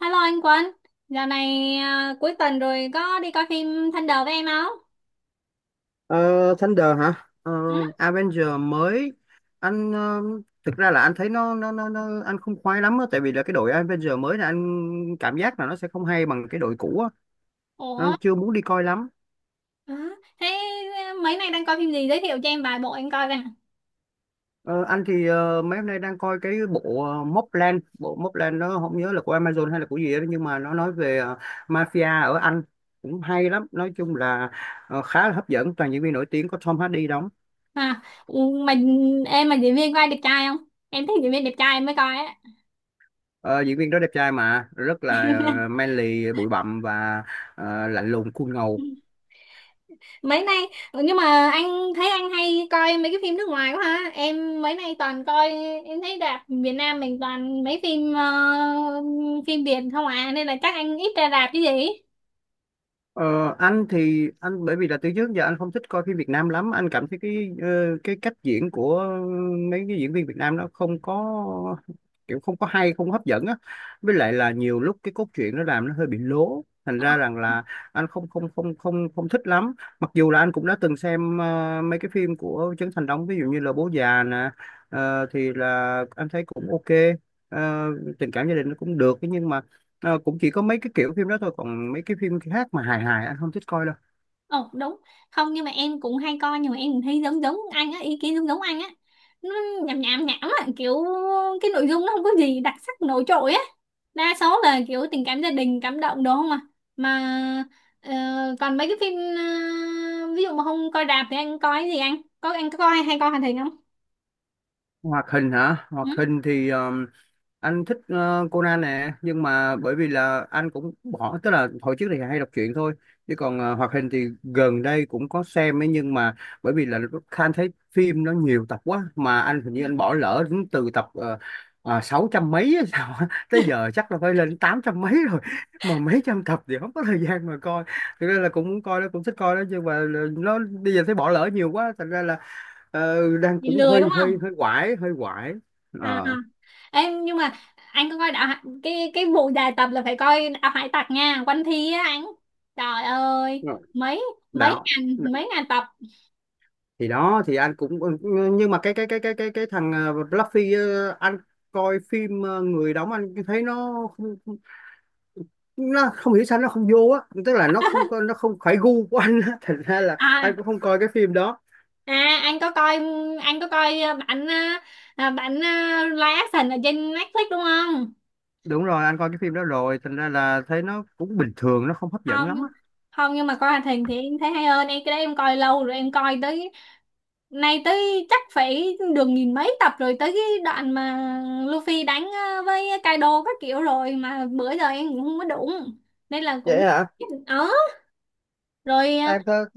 Hello anh Quân, giờ này à, cuối tuần rồi có đi coi phim Thunder với em không? Ờ, Thunder hả? Ờ, Ừ? Avenger mới. Anh thực ra là anh thấy nó anh không khoái lắm á, tại vì là cái đội Avenger mới là anh cảm giác là nó sẽ không hay bằng cái đội cũ á. Anh Ủa? chưa muốn đi coi lắm. Hả? Thế à, mấy nay đang coi phim gì, giới thiệu cho em vài bộ em coi coi. Ờ, anh thì mấy hôm nay đang coi cái bộ Mobland, bộ Mobland nó không nhớ là của Amazon hay là của gì đó, nhưng mà nó nói về mafia ở Anh, cũng hay lắm, nói chung là khá là hấp dẫn, toàn diễn viên nổi tiếng, có Tom Hardy đóng. À, ừ, mà em mà diễn viên có ai đẹp trai không? Em thích diễn viên đẹp trai em mới coi á. Ờ, diễn viên đó đẹp trai mà rất là manly, bụi bặm và lạnh lùng, cool ngầu. Mấy nay nhưng mà anh thấy anh hay coi mấy cái phim nước ngoài quá ha. Em mấy nay toàn coi, em thấy rạp Việt Nam mình toàn mấy phim phim Việt không à, nên là chắc anh ít ra rạp chứ gì. Ờ, anh thì anh bởi vì là từ trước giờ anh không thích coi phim Việt Nam lắm, anh cảm thấy cái cái cách diễn của mấy cái diễn viên Việt Nam nó không có kiểu, không có hay, không có hấp dẫn á, với lại là nhiều lúc cái cốt truyện nó làm nó hơi bị lố, thành Ờ. ra rằng là anh không không không không không thích lắm. Mặc dù là anh cũng đã từng xem mấy cái phim của Trấn Thành đóng, ví dụ như là Bố Già nè, thì là anh thấy cũng ok. Ờ, tình cảm gia đình nó cũng được, thế nhưng mà ờ, cũng chỉ có mấy cái kiểu phim đó thôi, còn mấy cái phim khác mà hài hài anh không thích coi đâu. Ồ, đúng. Không nhưng mà em cũng hay coi. Nhưng mà em cũng thấy giống giống anh á, ý kiến giống giống anh á. Nó nhảm nhảm nhảm á, kiểu cái nội dung nó không có gì đặc sắc nổi trội á. Đa số là kiểu tình cảm gia đình cảm động, đúng không à? Mà ờ, còn mấy cái phim ví dụ mà không coi rạp thì anh coi cái gì anh? Anh có coi, hay coi hoạt hình không? Hoạt hình hả? Hoạt Ừ? hình thì anh thích Conan nè, nhưng mà bởi vì là anh cũng bỏ, tức là hồi trước thì hay đọc truyện thôi, chứ còn hoạt hình thì gần đây cũng có xem ấy, nhưng mà bởi vì là Khan thấy phim nó nhiều tập quá mà anh hình như anh bỏ lỡ đến từ tập sáu trăm mấy hay sao á. Tới giờ chắc là phải lên tám trăm mấy rồi, mà mấy trăm tập thì không có thời gian mà coi. Thực ra là cũng muốn coi đó, cũng thích coi đó, nhưng mà nó bây giờ thấy bỏ lỡ nhiều quá, thành ra là đang Bị cũng lười đúng hơi không hơi hơi quải, hơi quải. à? Ờ. Em, nhưng mà anh có coi cái vụ dài tập là phải coi đạo hải tặc nha, One Piece á anh. Trời ơi, Rồi. mấy Đạo mấy ngàn tập. thì đó thì anh cũng ừ, ừ, nhưng mà cái thằng Luffy, anh coi phim người đóng anh thấy nó không hiểu sao nó không vô á, tức là nó không phải gu của anh á thành ra là À, anh cũng không coi cái phim đó. à, anh có coi, anh có coi bản à, à, bản à, live action ở trên Netflix đúng không? Đúng rồi, anh coi cái phim đó rồi, thành ra là thấy nó cũng bình thường, nó không hấp dẫn không lắm nhưng- á. Không nhưng mà coi hoạt hình thì em thấy hay hơn, em cái đấy em coi lâu rồi, em coi tới. Này tới chắc phải được nghìn mấy tập rồi, tới cái đoạn mà Luffy đánh với Kaido các kiểu, rồi mà bữa giờ em cũng không có đụng, nên là cũng Vậy hả? ờ rồi, Em th-,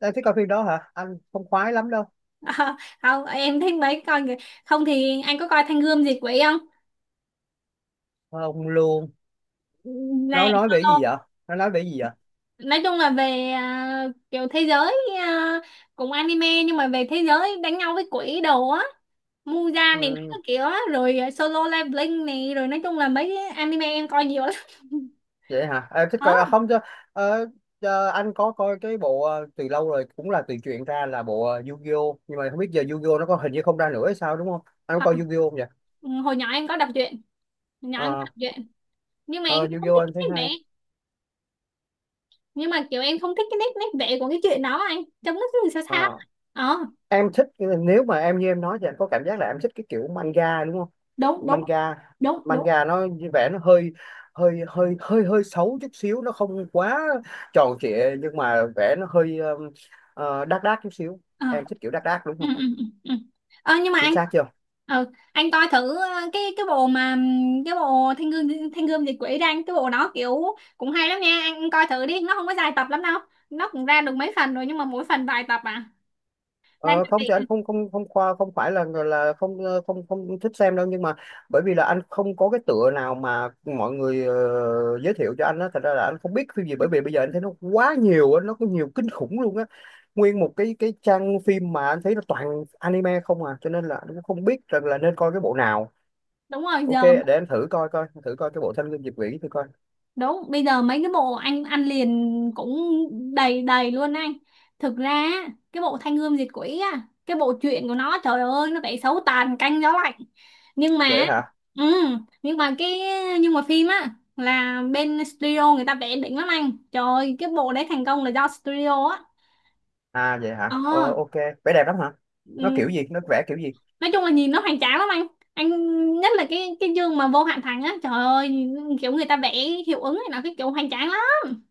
em thích coi phim đó hả, anh không khoái lắm đâu. không, em thấy mấy coi kìa. Không thì anh có coi Thanh Gươm Diệt Quỷ không? Không luôn. Nó Này nói về cái gì solo, vậy? Nó nói về cái gì vậy? nói chung là về kiểu thế giới, ờ, cũng anime nhưng mà về thế giới đánh nhau với quỷ đồ á, Muja này Ừ, các kiểu á, rồi à, Solo Leveling này, rồi nói chung là mấy cái anime em coi nhiều lắm. vậy hả, à, thích coi, à, không cho ờ, cho anh có coi cái bộ từ lâu rồi, cũng là từ truyện ra, là bộ Yu-Gi-Oh, nhưng mà không biết giờ Yu-Gi-Oh nó có, hình như không ra nữa hay sao đúng không? Anh có Ờ. coi Yu-Gi-Oh không vậy? Ừ, hồi nhỏ em có đọc truyện hồi nhỏ em có Ờ, đọc truyện nhưng mà ờ, em không Yu-Gi-Oh thích anh thấy cái nét vẽ, hay. nhưng mà kiểu em không thích cái nét nét vẽ của cái chuyện đó anh, trông nó cứ sao sao. Ờ, ờ em thích, nếu mà em như em nói thì anh có cảm giác là em thích cái kiểu manga đúng không? Đúng, đúng, manga đúng, đúng. manga nó như vẻ nó hơi hơi hơi hơi hơi xấu chút xíu, nó không quá tròn trịa, nhưng mà vẻ nó hơi đác đác chút xíu. ờ Em thích kiểu đác đác đúng ừ, không? ừ, ừ, ừ. Nhưng mà Chính anh xác chưa? ờ anh coi thử cái bộ mà cái bộ thiên gương diệt quỷ ra anh, cái bộ đó kiểu cũng hay lắm nha, anh coi thử đi, nó không có dài tập lắm đâu. Nó cũng ra được mấy phần rồi, nhưng mà mỗi phần vài tập à. Đang Ờ, chuẩn không thì anh bị không không không khoa, không phải là người là không không không thích xem đâu, nhưng mà bởi vì là anh không có cái tựa nào mà mọi người giới thiệu cho anh á, thật ra là anh không biết phim gì, bởi vì bây giờ anh thấy nó quá nhiều á, nó có nhiều kinh khủng luôn á. Nguyên một cái trang phim mà anh thấy nó toàn anime không à, cho nên là anh cũng không biết rằng là nên coi cái bộ nào. đúng rồi Ok, giờ. để anh thử coi, coi thử coi cái bộ Thanh Gươm Diệp Vĩ thử coi. Đúng, bây giờ mấy cái bộ anh ăn liền cũng đầy đầy luôn anh. Thực ra á, cái bộ Thanh Gươm Diệt Quỷ á, cái bộ truyện của nó trời ơi nó vẽ xấu tàn canh gió lạnh. Nhưng mà Vậy hả? ừ, nhưng mà cái phim á là bên studio người ta vẽ đỉnh lắm anh. Trời ơi, cái bộ đấy thành công là do studio á. À vậy hả, Ờ, ờ, ok, vẻ đẹp lắm hả? Nó kiểu ừ, gì, nó vẽ kiểu gì? nói chung là nhìn nó hoành tráng lắm anh. Anh, nhất là cái chương mà vô hạn thành á, trời ơi, kiểu người ta vẽ hiệu ứng này nó cái kiểu hoành tráng lắm.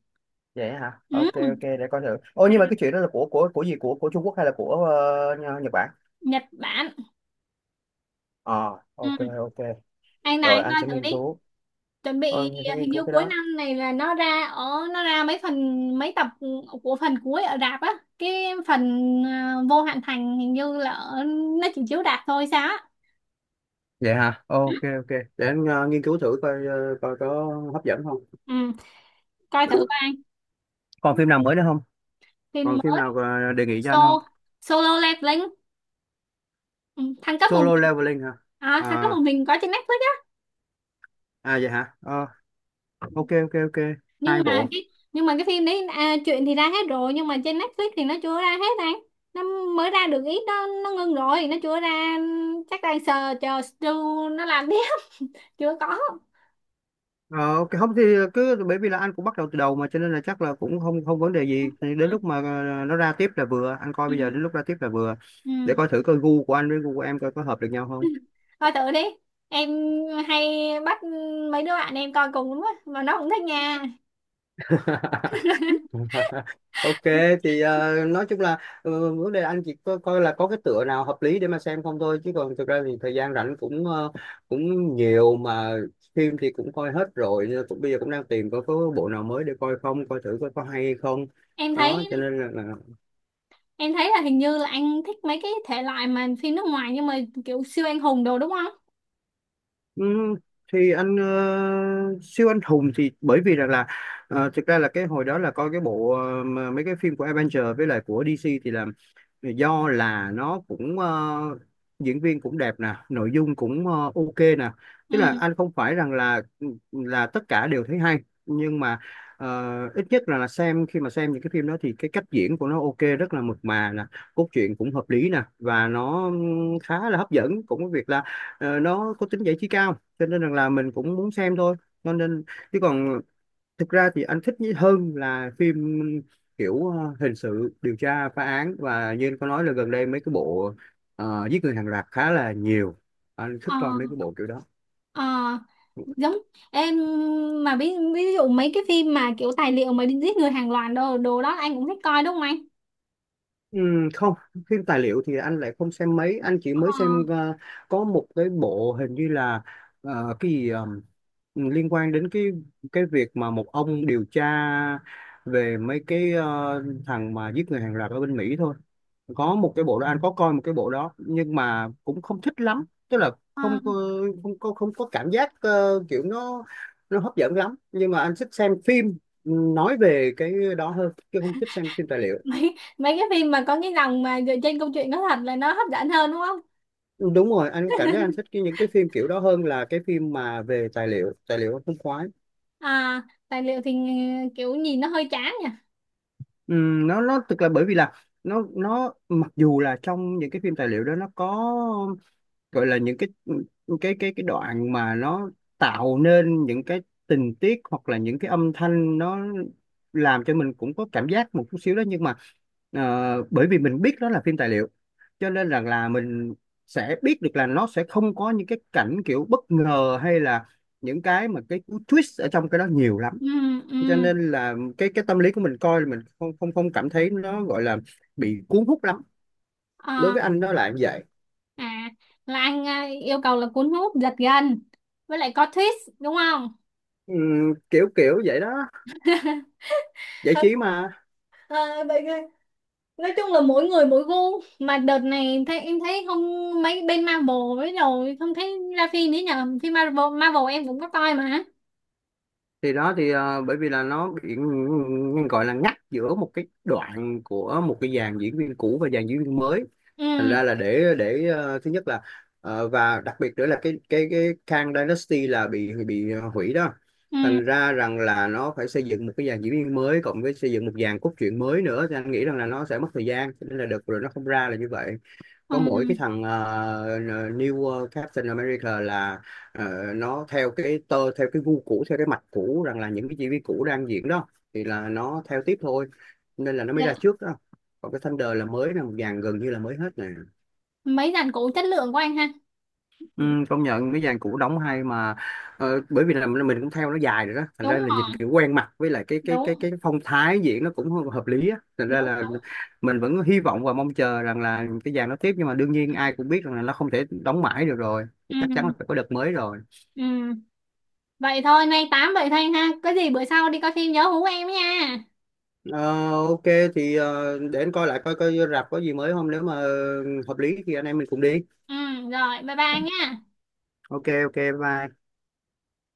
Vậy hả, Ừ. ok ok, để coi thử. Ô, nhưng mà cái chuyện đó là của của gì, của Trung Quốc hay là của Nh-, Nhật Bản? Nhật Bản. Ờ ok Ừ. ok. Anh này, Rồi anh anh coi sẽ thử nghiên đi. cứu. Chuẩn bị Ờ, anh sẽ nghiên hình cứu như cái cuối đó. năm này là nó ra ở, nó ra mấy phần mấy tập của phần cuối ở rạp á, cái phần ờ, vô hạn thành hình như là ở, nó chỉ chiếu rạp thôi sao á. Vậy hả, ok ok, để anh nghiên cứu thử coi, coi có hấp dẫn không. Ừ, coi thử coi anh. Còn phim nào mới nữa không? Phim Còn phim mới, nào đề nghị cho so anh không? solo leveling. Ừ, thăng cấp một Solo mình. Leveling hả? À, thăng cấp À một mình có trên Netflix. à vậy hả, Ờ, ok ok ok. nhưng Hai mà bộ. cái nhưng mà cái phim đấy à, chuyện thì ra hết rồi, nhưng mà trên Netflix thì nó chưa ra hết anh. Nó mới ra được ít đó, nó ngưng rồi, nó chưa ra, chắc đang chờ chờ Stu nó làm tiếp. Chưa có. Ờ, cái không thì cứ bởi vì là anh cũng bắt đầu từ đầu mà, cho nên là chắc là cũng không không vấn đề Ừ, gì. Thì đến lúc mà nó ra tiếp là vừa, anh coi ừ, bây giờ đến lúc ra tiếp là vừa. ừ. Để coi thử coi gu của anh với gu của em coi có hợp được nhau không. Coi thử đi, em hay bắt mấy đứa bạn em coi cùng lắm á mà nó cũng thích nha. Ok, thì nói chung là vấn đề là anh chỉ coi, coi là có cái tựa nào hợp lý để mà xem không thôi, chứ còn thực ra thì thời gian rảnh cũng cũng nhiều mà. Phim thì cũng coi hết rồi, nên cũng bây giờ cũng đang tìm coi có bộ nào mới để coi không, coi thử coi có hay không, em thấy đó cho nên là em thấy là hình như là anh thích mấy cái thể loại mà phim nước ngoài, nhưng mà kiểu siêu anh hùng đồ, đúng không? Ừm, thì anh siêu anh hùng thì bởi vì rằng là thực ra là cái hồi đó là coi cái bộ mà mấy cái phim của Avenger với lại của DC thì là do là nó cũng diễn viên cũng đẹp nè, nội dung cũng ok nè, tức là Ừ. anh không phải rằng là ừ, là tất cả đều thấy hay, nhưng mà ít nhất là xem, khi mà xem những cái phim đó thì cái cách diễn của nó ok, rất là mượt mà nè, cốt truyện cũng hợp lý nè và nó khá là hấp dẫn, cũng có việc là nó có tính giải trí cao cho nên rằng là mình cũng muốn xem thôi, cho nên chứ còn thực ra thì anh thích nhí- hơn là phim kiểu hình sự điều tra phá án, và như anh có nói là gần đây mấy cái bộ giết người hàng loạt khá là nhiều, anh thích Ờ. coi mấy cái bộ kiểu đó. Ờ, giống em mà ví dụ mấy cái phim mà kiểu tài liệu mà đi giết người hàng loạt đồ đồ đó anh cũng thích coi đúng không anh? Không, phim tài liệu thì anh lại không xem mấy, anh chỉ Ờ. mới xem có một cái bộ hình như là cái gì liên quan đến cái việc mà một ông điều tra về mấy cái thằng mà giết người hàng loạt ở bên Mỹ thôi. Có một cái bộ đó, anh có coi một cái bộ đó nhưng mà cũng không thích lắm, tức là Ờ. không có không có cảm giác kiểu nó hấp dẫn lắm, nhưng mà anh thích xem phim ừ, nói về cái đó hơn chứ không thích xem phim tài liệu. mấy mấy cái phim mà có cái dòng mà dựa trên câu chuyện có thật là nó hấp dẫn hơn đúng không? Đúng rồi, anh cảm giác anh thích cái, những cái phim kiểu đó hơn là cái phim mà về tài liệu, tài liệu anh không khoái. À, tài liệu thì kiểu nhìn nó hơi chán nhỉ. Nó thực là bởi vì là nó mặc dù là trong những cái phim tài liệu đó nó có gọi là những cái đoạn mà nó tạo nên những cái tình tiết hoặc là những cái âm thanh, nó làm cho mình cũng có cảm giác một chút xíu đó, nhưng mà bởi vì mình biết đó là phim tài liệu cho nên rằng là mình sẽ biết được là nó sẽ không có những cái cảnh kiểu bất ngờ hay là những cái mà cái cú twist ở trong cái đó nhiều lắm, Ừ, cho ừ. nên là cái tâm lý của mình coi là mình không không không cảm thấy nó gọi là bị cuốn hút lắm. Đối Ờ, với anh nó là như vậy. à là anh à, yêu cầu là cuốn hút giật gân, với lại có twist, đúng không? Kiểu kiểu vậy đó, giải trí mà. Ờ, vậy nói chung là mỗi người mỗi gu mà đợt này thấy em thấy không mấy bên Marvel, với rồi không thấy ra phim nữa nhờ, phim Marvel Marvel em cũng có coi mà. Thì đó thì bởi vì là nó bị gọi là ngắt giữa một cái đoạn của một cái dàn diễn viên cũ và dàn diễn viên mới, thành Ừ, ra là để thứ nhất là và đặc biệt nữa là cái Kang Dynasty là bị hủy đó, ừ, thành ra rằng là nó phải xây dựng một cái dàn diễn viên mới cộng với xây dựng một dàn cốt truyện mới nữa, thì anh nghĩ rằng là nó sẽ mất thời gian. Cho nên là đợt rồi nó không ra là như vậy. Có mỗi ừ. cái thằng New Captain America là ờ, nó theo cái tơ theo cái gu cũ theo cái mạch cũ, rằng là những cái diễn viên cũ đang diễn đó thì là nó theo tiếp thôi, nên là nó mới Dạ. ra trước đó. Còn cái Thunder là mới, là một dàn gần như là mới hết nè. Mấy dàn cũ chất lượng của anh ha. Ừ, công nhận cái dàn cũ đóng hay mà. Ờ, bởi vì là mình cũng theo nó dài rồi đó, thành ra Đúng là nhìn rồi, kiểu quen mặt, với lại cái cái cái đúng, cái phong thái diễn nó cũng hợp lý á, thành ra đúng, là đúng. mình vẫn hy vọng và mong chờ rằng là cái dàn nó tiếp, nhưng mà đương nhiên ai cũng biết rằng là nó không thể đóng mãi được rồi. Chắc chắn là Ừ, phải có đợt mới rồi. ừ. Vậy thôi, nay tám vậy thôi anh ha, có gì bữa sau đi coi phim nhớ hú em nha. Ờ, ok, thì để anh coi lại coi, coi rạp có gì mới không, nếu mà hợp lý thì anh em mình cùng đi. Ừ, rồi, bye bye anh nha. Ok ok, bye bye.